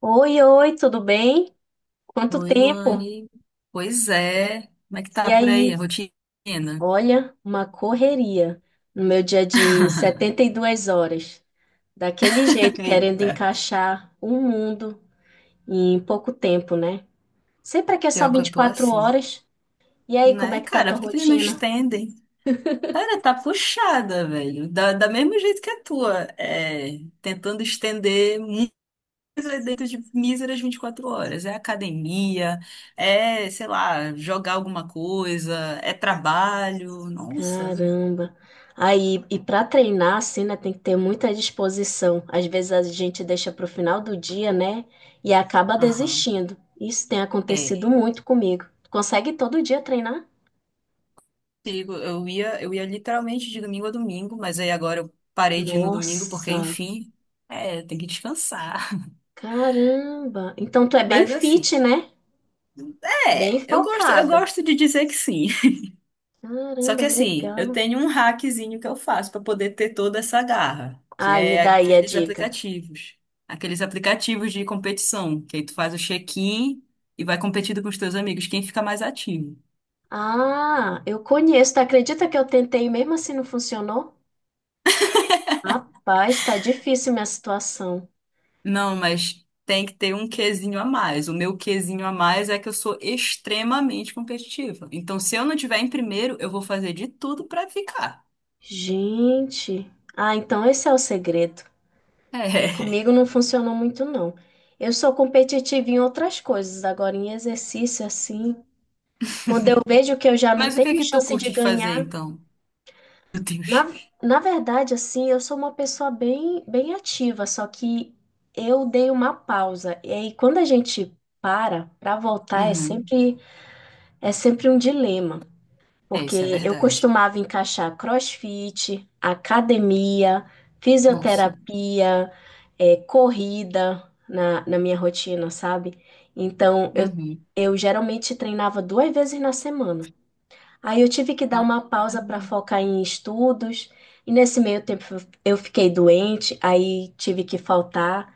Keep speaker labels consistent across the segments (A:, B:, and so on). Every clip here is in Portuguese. A: Oi, oi, tudo bem? Quanto
B: Oi,
A: tempo?
B: Luane. Pois é. Como é que
A: E
B: tá por aí a
A: aí?
B: rotina?
A: Olha, uma correria no meu dia de 72 horas. Daquele jeito, querendo
B: Eita.
A: encaixar um mundo em pouco tempo, né? Sempre aqui é só
B: Pior que
A: vinte
B: eu
A: e
B: tô
A: quatro
B: assim.
A: horas. E aí, como
B: Né,
A: é que tá a
B: cara?
A: tua
B: Por que que eles não
A: rotina?
B: estendem? Cara, tá puxada, velho. Da mesmo jeito que a tua. É, tentando estender muito dentro de míseras 24 horas. É academia, é, sei lá, jogar alguma coisa, é trabalho. Nossa.
A: Caramba. Aí, e para treinar assim, né, tem que ter muita disposição. Às vezes a gente deixa para o final do dia, né, e acaba
B: Aham.
A: desistindo. Isso tem
B: É.
A: acontecido muito comigo. Tu consegue todo dia treinar?
B: Sigo. Eu ia literalmente de domingo a domingo, mas aí agora eu parei de ir no domingo porque,
A: Nossa,
B: enfim, é, tem que descansar.
A: caramba. Então tu é bem
B: Mas assim,
A: fit, né? Bem
B: é, eu gosto, eu
A: focada.
B: gosto de dizer que sim. Só
A: Caramba,
B: que assim, eu
A: legal.
B: tenho um hackzinho que eu faço para poder ter toda essa garra, que
A: Ai, me
B: é
A: dá aí a
B: aqueles
A: dica.
B: aplicativos, aqueles aplicativos de competição, que aí tu faz o check-in e vai competindo com os teus amigos, quem fica mais ativo.
A: Ah, eu conheço. Tu acredita que eu tentei e mesmo assim não funcionou? Rapaz, tá difícil minha situação.
B: Não, mas tem que ter um quezinho a mais. O meu quezinho a mais é que eu sou extremamente competitiva. Então, se eu não tiver em primeiro, eu vou fazer de tudo pra ficar.
A: Gente, ah, então esse é o segredo, que
B: É.
A: comigo não funcionou muito não. Eu sou competitiva em outras coisas, agora em exercício assim, quando eu vejo que eu já não
B: Mas o que é
A: tenho
B: que tu
A: chance de
B: curte de fazer,
A: ganhar,
B: então? Meu
A: na,
B: Deus.
A: na verdade assim, eu sou uma pessoa bem bem ativa, só que eu dei uma pausa. E aí quando a gente para para voltar
B: Uhum.
A: é sempre um dilema.
B: É, isso é
A: Porque eu
B: verdade.
A: costumava encaixar CrossFit, academia,
B: Nossa.
A: fisioterapia, corrida na minha rotina, sabe? Então,
B: Uhum.
A: eu geralmente treinava duas vezes na semana. Aí eu tive que dar uma pausa para
B: Caramba.
A: focar em estudos, e nesse meio tempo eu fiquei doente, aí tive que faltar.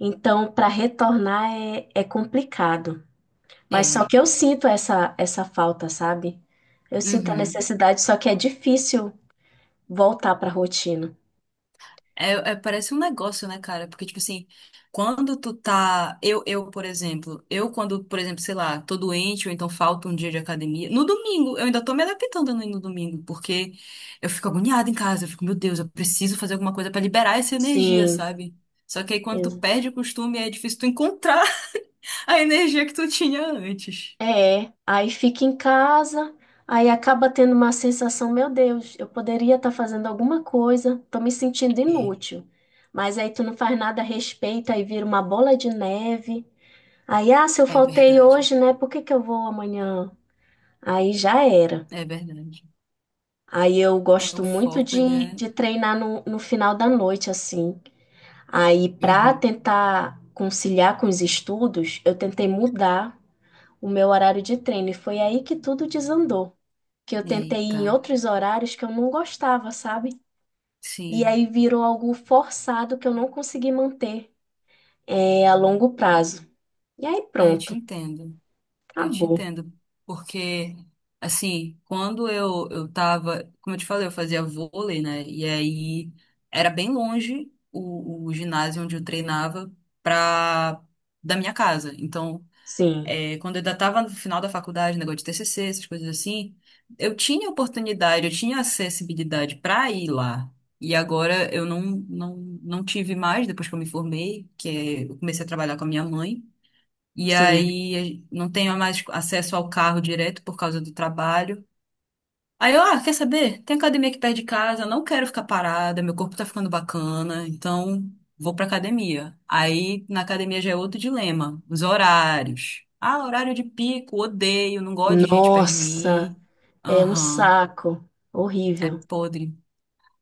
A: Então, para retornar é complicado. Mas
B: É.
A: só que eu sinto essa falta, sabe? Eu sinto a
B: Uhum.
A: necessidade, só que é difícil voltar para a rotina.
B: É, parece um negócio, né, cara? Porque, tipo assim, quando tu tá. Eu, por exemplo, eu quando, por exemplo, sei lá, tô doente ou então falta um dia de academia. No domingo, eu ainda tô me adaptando a não ir no domingo, porque eu fico agoniada em casa. Eu fico, meu Deus, eu preciso fazer alguma coisa pra liberar essa energia,
A: Sim,
B: sabe? Só que aí quando tu
A: exa-
B: perde o costume, é difícil tu encontrar a energia que tu tinha antes.
A: é. Aí fica em casa, aí acaba tendo uma sensação, meu Deus, eu poderia estar fazendo alguma coisa, tô me sentindo
B: É,
A: inútil. Mas aí tu não faz nada a respeito, aí vira uma bola de neve. Aí, ah, se eu
B: é
A: faltei
B: verdade.
A: hoje, né? Por que que eu vou amanhã? Aí já era.
B: É verdade.
A: Aí eu
B: É, o
A: gosto muito
B: foco, ele é.
A: de treinar no final da noite, assim. Aí, para
B: Uhum.
A: tentar conciliar com os estudos, eu tentei mudar o meu horário de treino. E foi aí que tudo desandou. Que eu tentei ir
B: Eita.
A: em outros horários que eu não gostava, sabe? E
B: Sim.
A: aí virou algo forçado que eu não consegui manter, a longo prazo. E aí
B: Ah, eu te
A: pronto,
B: entendo. Eu te
A: acabou.
B: entendo, porque assim, quando eu tava, como eu te falei, eu fazia vôlei, né? E aí era bem longe o ginásio onde eu treinava pra da minha casa. Então,
A: Sim,
B: é, quando eu ainda tava no final da faculdade, negócio de TCC, essas coisas assim, eu tinha oportunidade, eu tinha acessibilidade pra ir lá. E agora eu não tive mais, depois que eu me formei, que é, eu comecei a trabalhar com a minha mãe. E
A: sim.
B: aí não tenho mais acesso ao carro direto por causa do trabalho. Aí eu, ah, quer saber? Tem academia aqui perto de casa, não quero ficar parada, meu corpo tá ficando bacana, então vou pra academia. Aí na academia já é outro dilema, os horários. Ah, horário de pico, odeio, não gosto de gente perto de
A: Nossa,
B: mim.
A: é um
B: Aham,
A: saco.
B: é
A: Horrível.
B: podre.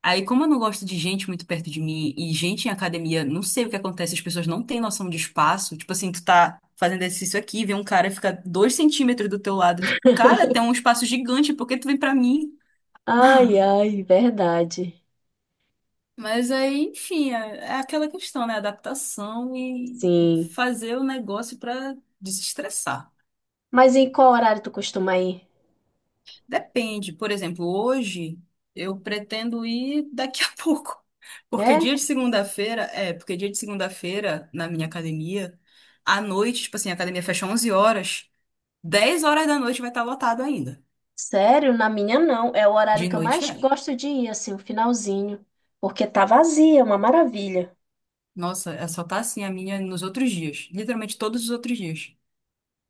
B: Aí, como eu não gosto de gente muito perto de mim e gente em academia, não sei o que acontece, as pessoas não têm noção de espaço. Tipo assim, tu tá fazendo exercício aqui, vem um cara fica 2 centímetros do teu lado. Tipo, cara, tem um espaço gigante, por que tu vem pra mim?
A: Ai, ai, verdade.
B: Mas aí, enfim, é, aquela questão, né? Adaptação e
A: Sim.
B: fazer o negócio pra desestressar.
A: Mas em qual horário tu costuma ir?
B: Depende. Por exemplo, hoje eu pretendo ir daqui a pouco. Porque
A: É?
B: dia de segunda-feira, é, porque dia de segunda-feira na minha academia, à noite, tipo assim, a academia fecha 11 horas. 10 horas da noite vai estar lotado ainda.
A: Sério? Na minha não. É o horário
B: De
A: que eu
B: noite
A: mais
B: é.
A: gosto de ir, assim, o finalzinho. Porque tá vazia, é uma maravilha.
B: Nossa, é só tá assim a minha nos outros dias, literalmente todos os outros dias.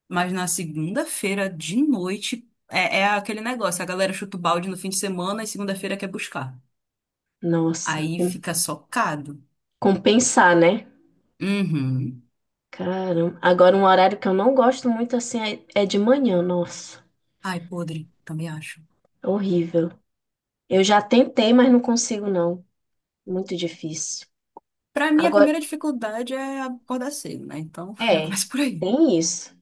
B: Mas na segunda-feira de noite é aquele negócio, a galera chuta o balde no fim de semana e segunda-feira quer buscar.
A: Nossa,
B: Aí fica socado.
A: compensar, né?
B: Uhum.
A: Caramba. Agora, um horário que eu não gosto muito, assim, é é de manhã. Nossa,
B: Ai, podre, também acho.
A: é horrível. Eu já tentei, mas não consigo, não. Muito difícil.
B: Pra mim, a
A: Agora,
B: primeira dificuldade é acordar cedo, né? Então, já
A: é,
B: começa por aí.
A: tem isso.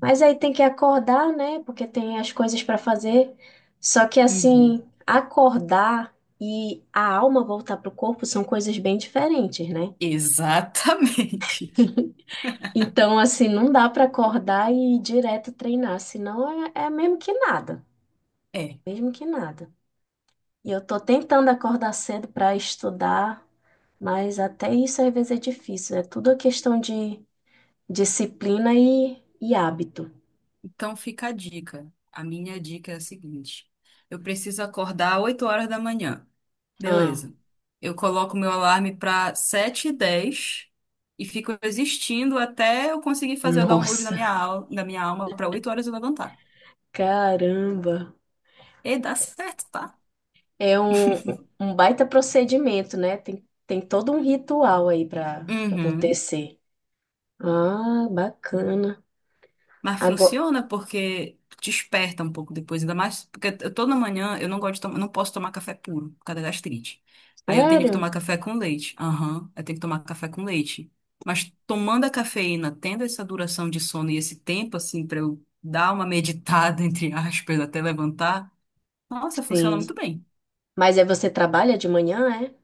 A: Mas aí tem que acordar, né? Porque tem as coisas para fazer. Só que
B: Uhum.
A: assim, acordar e a alma voltar pro corpo são coisas bem diferentes, né?
B: Exatamente.
A: Então, assim, não dá para acordar e ir direto treinar, senão é mesmo que nada,
B: É.
A: mesmo que nada. E eu tô tentando acordar cedo para estudar, mas até isso às vezes é difícil. É tudo questão de disciplina e hábito.
B: Então, fica a dica. A minha dica é a seguinte: eu preciso acordar 8 horas da manhã.
A: Ah,
B: Beleza. Eu coloco meu alarme para sete h 10 e fico existindo até eu conseguir fazer o download da
A: nossa,
B: minha, al da minha alma para 8 horas eu levantar.
A: caramba.
B: E dá certo, tá?
A: É um, um baita procedimento, né? Tem, tem todo um ritual aí para
B: Uhum.
A: acontecer. Ah, bacana.
B: Mas
A: Agora,
B: funciona porque desperta um pouco depois, ainda mais porque toda manhã eu não gosto de tomar, não posso tomar café puro por causa da gastrite. Aí eu tenho que
A: sério?
B: tomar café com leite. Aham, eu tenho que tomar café com leite. Mas tomando a cafeína, tendo essa duração de sono e esse tempo assim pra eu dar uma meditada entre aspas até levantar, nossa, funciona
A: Sim.
B: muito bem.
A: Mas aí você trabalha de manhã, é?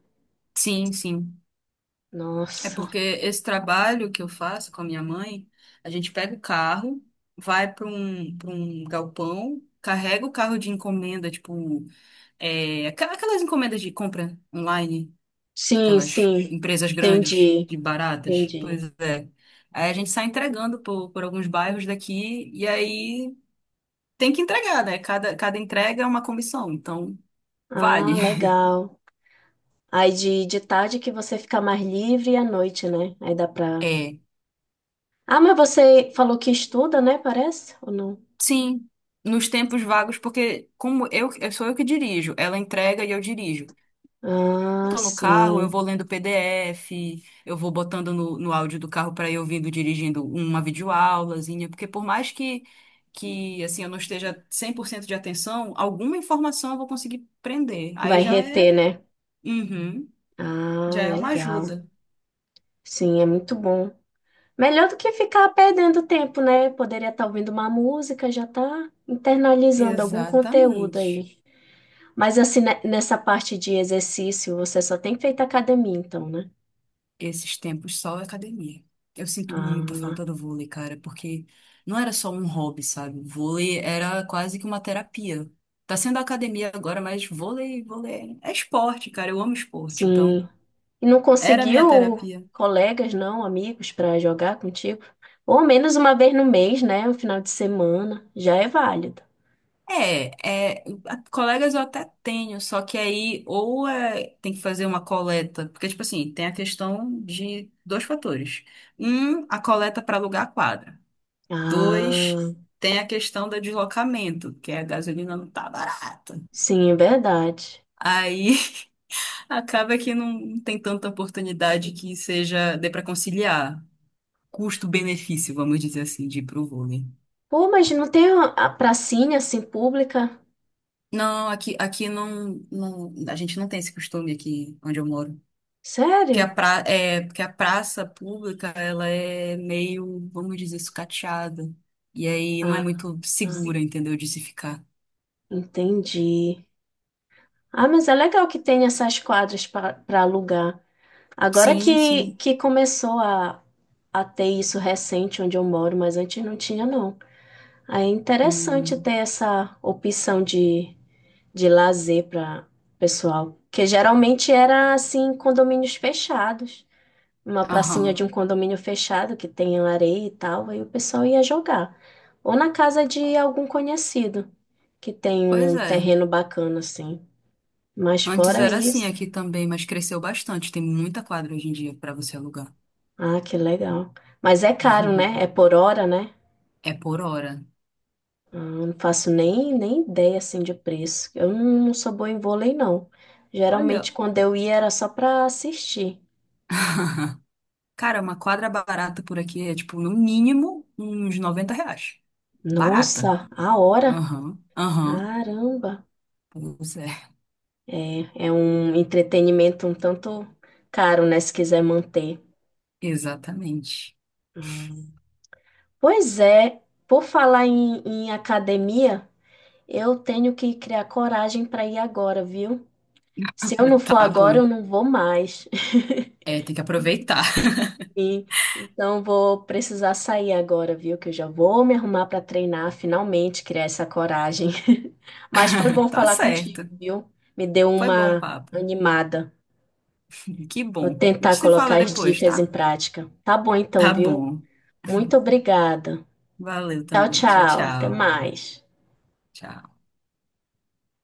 B: Sim, sim. É
A: Nossa.
B: porque esse trabalho que eu faço com a minha mãe, a gente pega o carro, vai para um galpão, carrega o carro de encomenda, tipo, aquelas encomendas de compra online,
A: Sim,
B: aquelas
A: sim.
B: empresas grandes,
A: Entendi,
B: de baratas.
A: entendi.
B: Pois é. Aí a gente sai entregando por alguns bairros daqui, e aí tem que entregar, né? Cada entrega é uma comissão, então
A: Ah,
B: vale.
A: legal. Aí de tarde que você fica mais livre e à noite, né? Aí dá pra. Ah, mas você falou que estuda, né? Parece? Ou não?
B: Sim, nos tempos vagos, porque como eu sou eu que dirijo, ela entrega e eu dirijo. Eu
A: Ah,
B: tô no carro, eu
A: sim.
B: vou lendo PDF, eu vou botando no áudio do carro para ir ouvindo dirigindo uma videoaulazinha, porque por mais que assim eu não esteja 100% de atenção, alguma informação eu vou conseguir prender. Aí
A: Vai
B: já é,
A: reter, né?
B: uhum,
A: Ah,
B: já é uma
A: legal.
B: ajuda.
A: Sim, é muito bom. Melhor do que ficar perdendo tempo, né? Poderia estar ouvindo uma música, já tá internalizando algum conteúdo
B: Exatamente.
A: aí. Mas assim, nessa parte de exercício, você só tem feito academia, então, né?
B: Esses tempos só academia. Eu sinto muita
A: Ah,
B: falta do vôlei, cara, porque não era só um hobby, sabe? Vôlei era quase que uma terapia. Tá sendo academia agora, mas vôlei, vôlei é esporte, cara. Eu amo esporte, então
A: sim. E não
B: era a minha
A: conseguiu
B: terapia.
A: colegas, não, amigos, para jogar contigo? Ou ao menos uma vez no mês, né? Um final de semana, já é válido.
B: É, colegas eu até tenho, só que aí ou é, tem que fazer uma coleta, porque, tipo assim, tem a questão de dois fatores. Um, a coleta para alugar a quadra. Dois,
A: Ah,
B: tem a questão do deslocamento, que a gasolina não tá barata.
A: sim, é verdade.
B: Aí acaba que não tem tanta oportunidade que seja dê para conciliar custo-benefício, vamos dizer assim, de ir pro vôlei.
A: Pô, mas não tem a pracinha assim pública?
B: Não, aqui não, não, a gente não tem esse costume aqui onde eu moro. Que a,
A: Sério?
B: pra, é, porque a praça pública, ela é meio, vamos dizer, sucateada. E aí não é
A: Ah,
B: muito segura,
A: Se-
B: entendeu, de se ficar.
A: entendi. Ah, mas é legal que tem essas quadras para alugar. Agora
B: Sim, sim.
A: que começou a ter isso recente onde eu moro, mas antes não tinha, não. Aí é interessante
B: Hum,
A: ter essa opção de lazer para pessoal, que geralmente era assim, condomínios fechados. Uma pracinha de
B: aham.
A: um condomínio fechado que tenha areia e tal, aí o pessoal ia jogar. Ou na casa de algum conhecido que tem
B: Pois
A: um
B: é.
A: terreno bacana assim. Mas
B: Antes
A: fora
B: era assim
A: isso,
B: aqui também, mas cresceu bastante. Tem muita quadra hoje em dia para você alugar.
A: ah, que legal. Mas é caro, né? É por hora, né?
B: É por hora.
A: Ah, não faço nem, nem ideia assim de preço. Eu não, não sou boa em vôlei, não. Geralmente
B: Olha.
A: quando eu ia era só para assistir.
B: Cara, uma quadra barata por aqui é tipo, no mínimo, uns 90 reais. Barata.
A: Nossa, a hora!
B: Aham, aham.
A: Caramba!
B: Pois é,
A: É, é um entretenimento um tanto caro, né, se quiser manter.
B: exatamente.
A: Hum. Pois é, por falar em academia, eu tenho que criar coragem para ir agora, viu? Se eu não for
B: Tá
A: agora,
B: bom.
A: eu não vou mais.
B: É, tem que aproveitar.
A: E, então vou precisar sair agora, viu? Que eu já vou me arrumar para treinar, finalmente criar essa coragem. Mas foi bom
B: Tá
A: falar contigo,
B: certo.
A: viu? Me deu
B: Foi bom o
A: uma
B: papo.
A: animada.
B: Que
A: Vou
B: bom. A gente
A: tentar
B: se fala
A: colocar as
B: depois,
A: dicas em
B: tá?
A: prática. Tá bom então,
B: Tá
A: viu?
B: bom.
A: Muito obrigada.
B: Valeu
A: Tchau,
B: também. Tchau,
A: tchau. Até
B: tchau.
A: mais.
B: Tchau.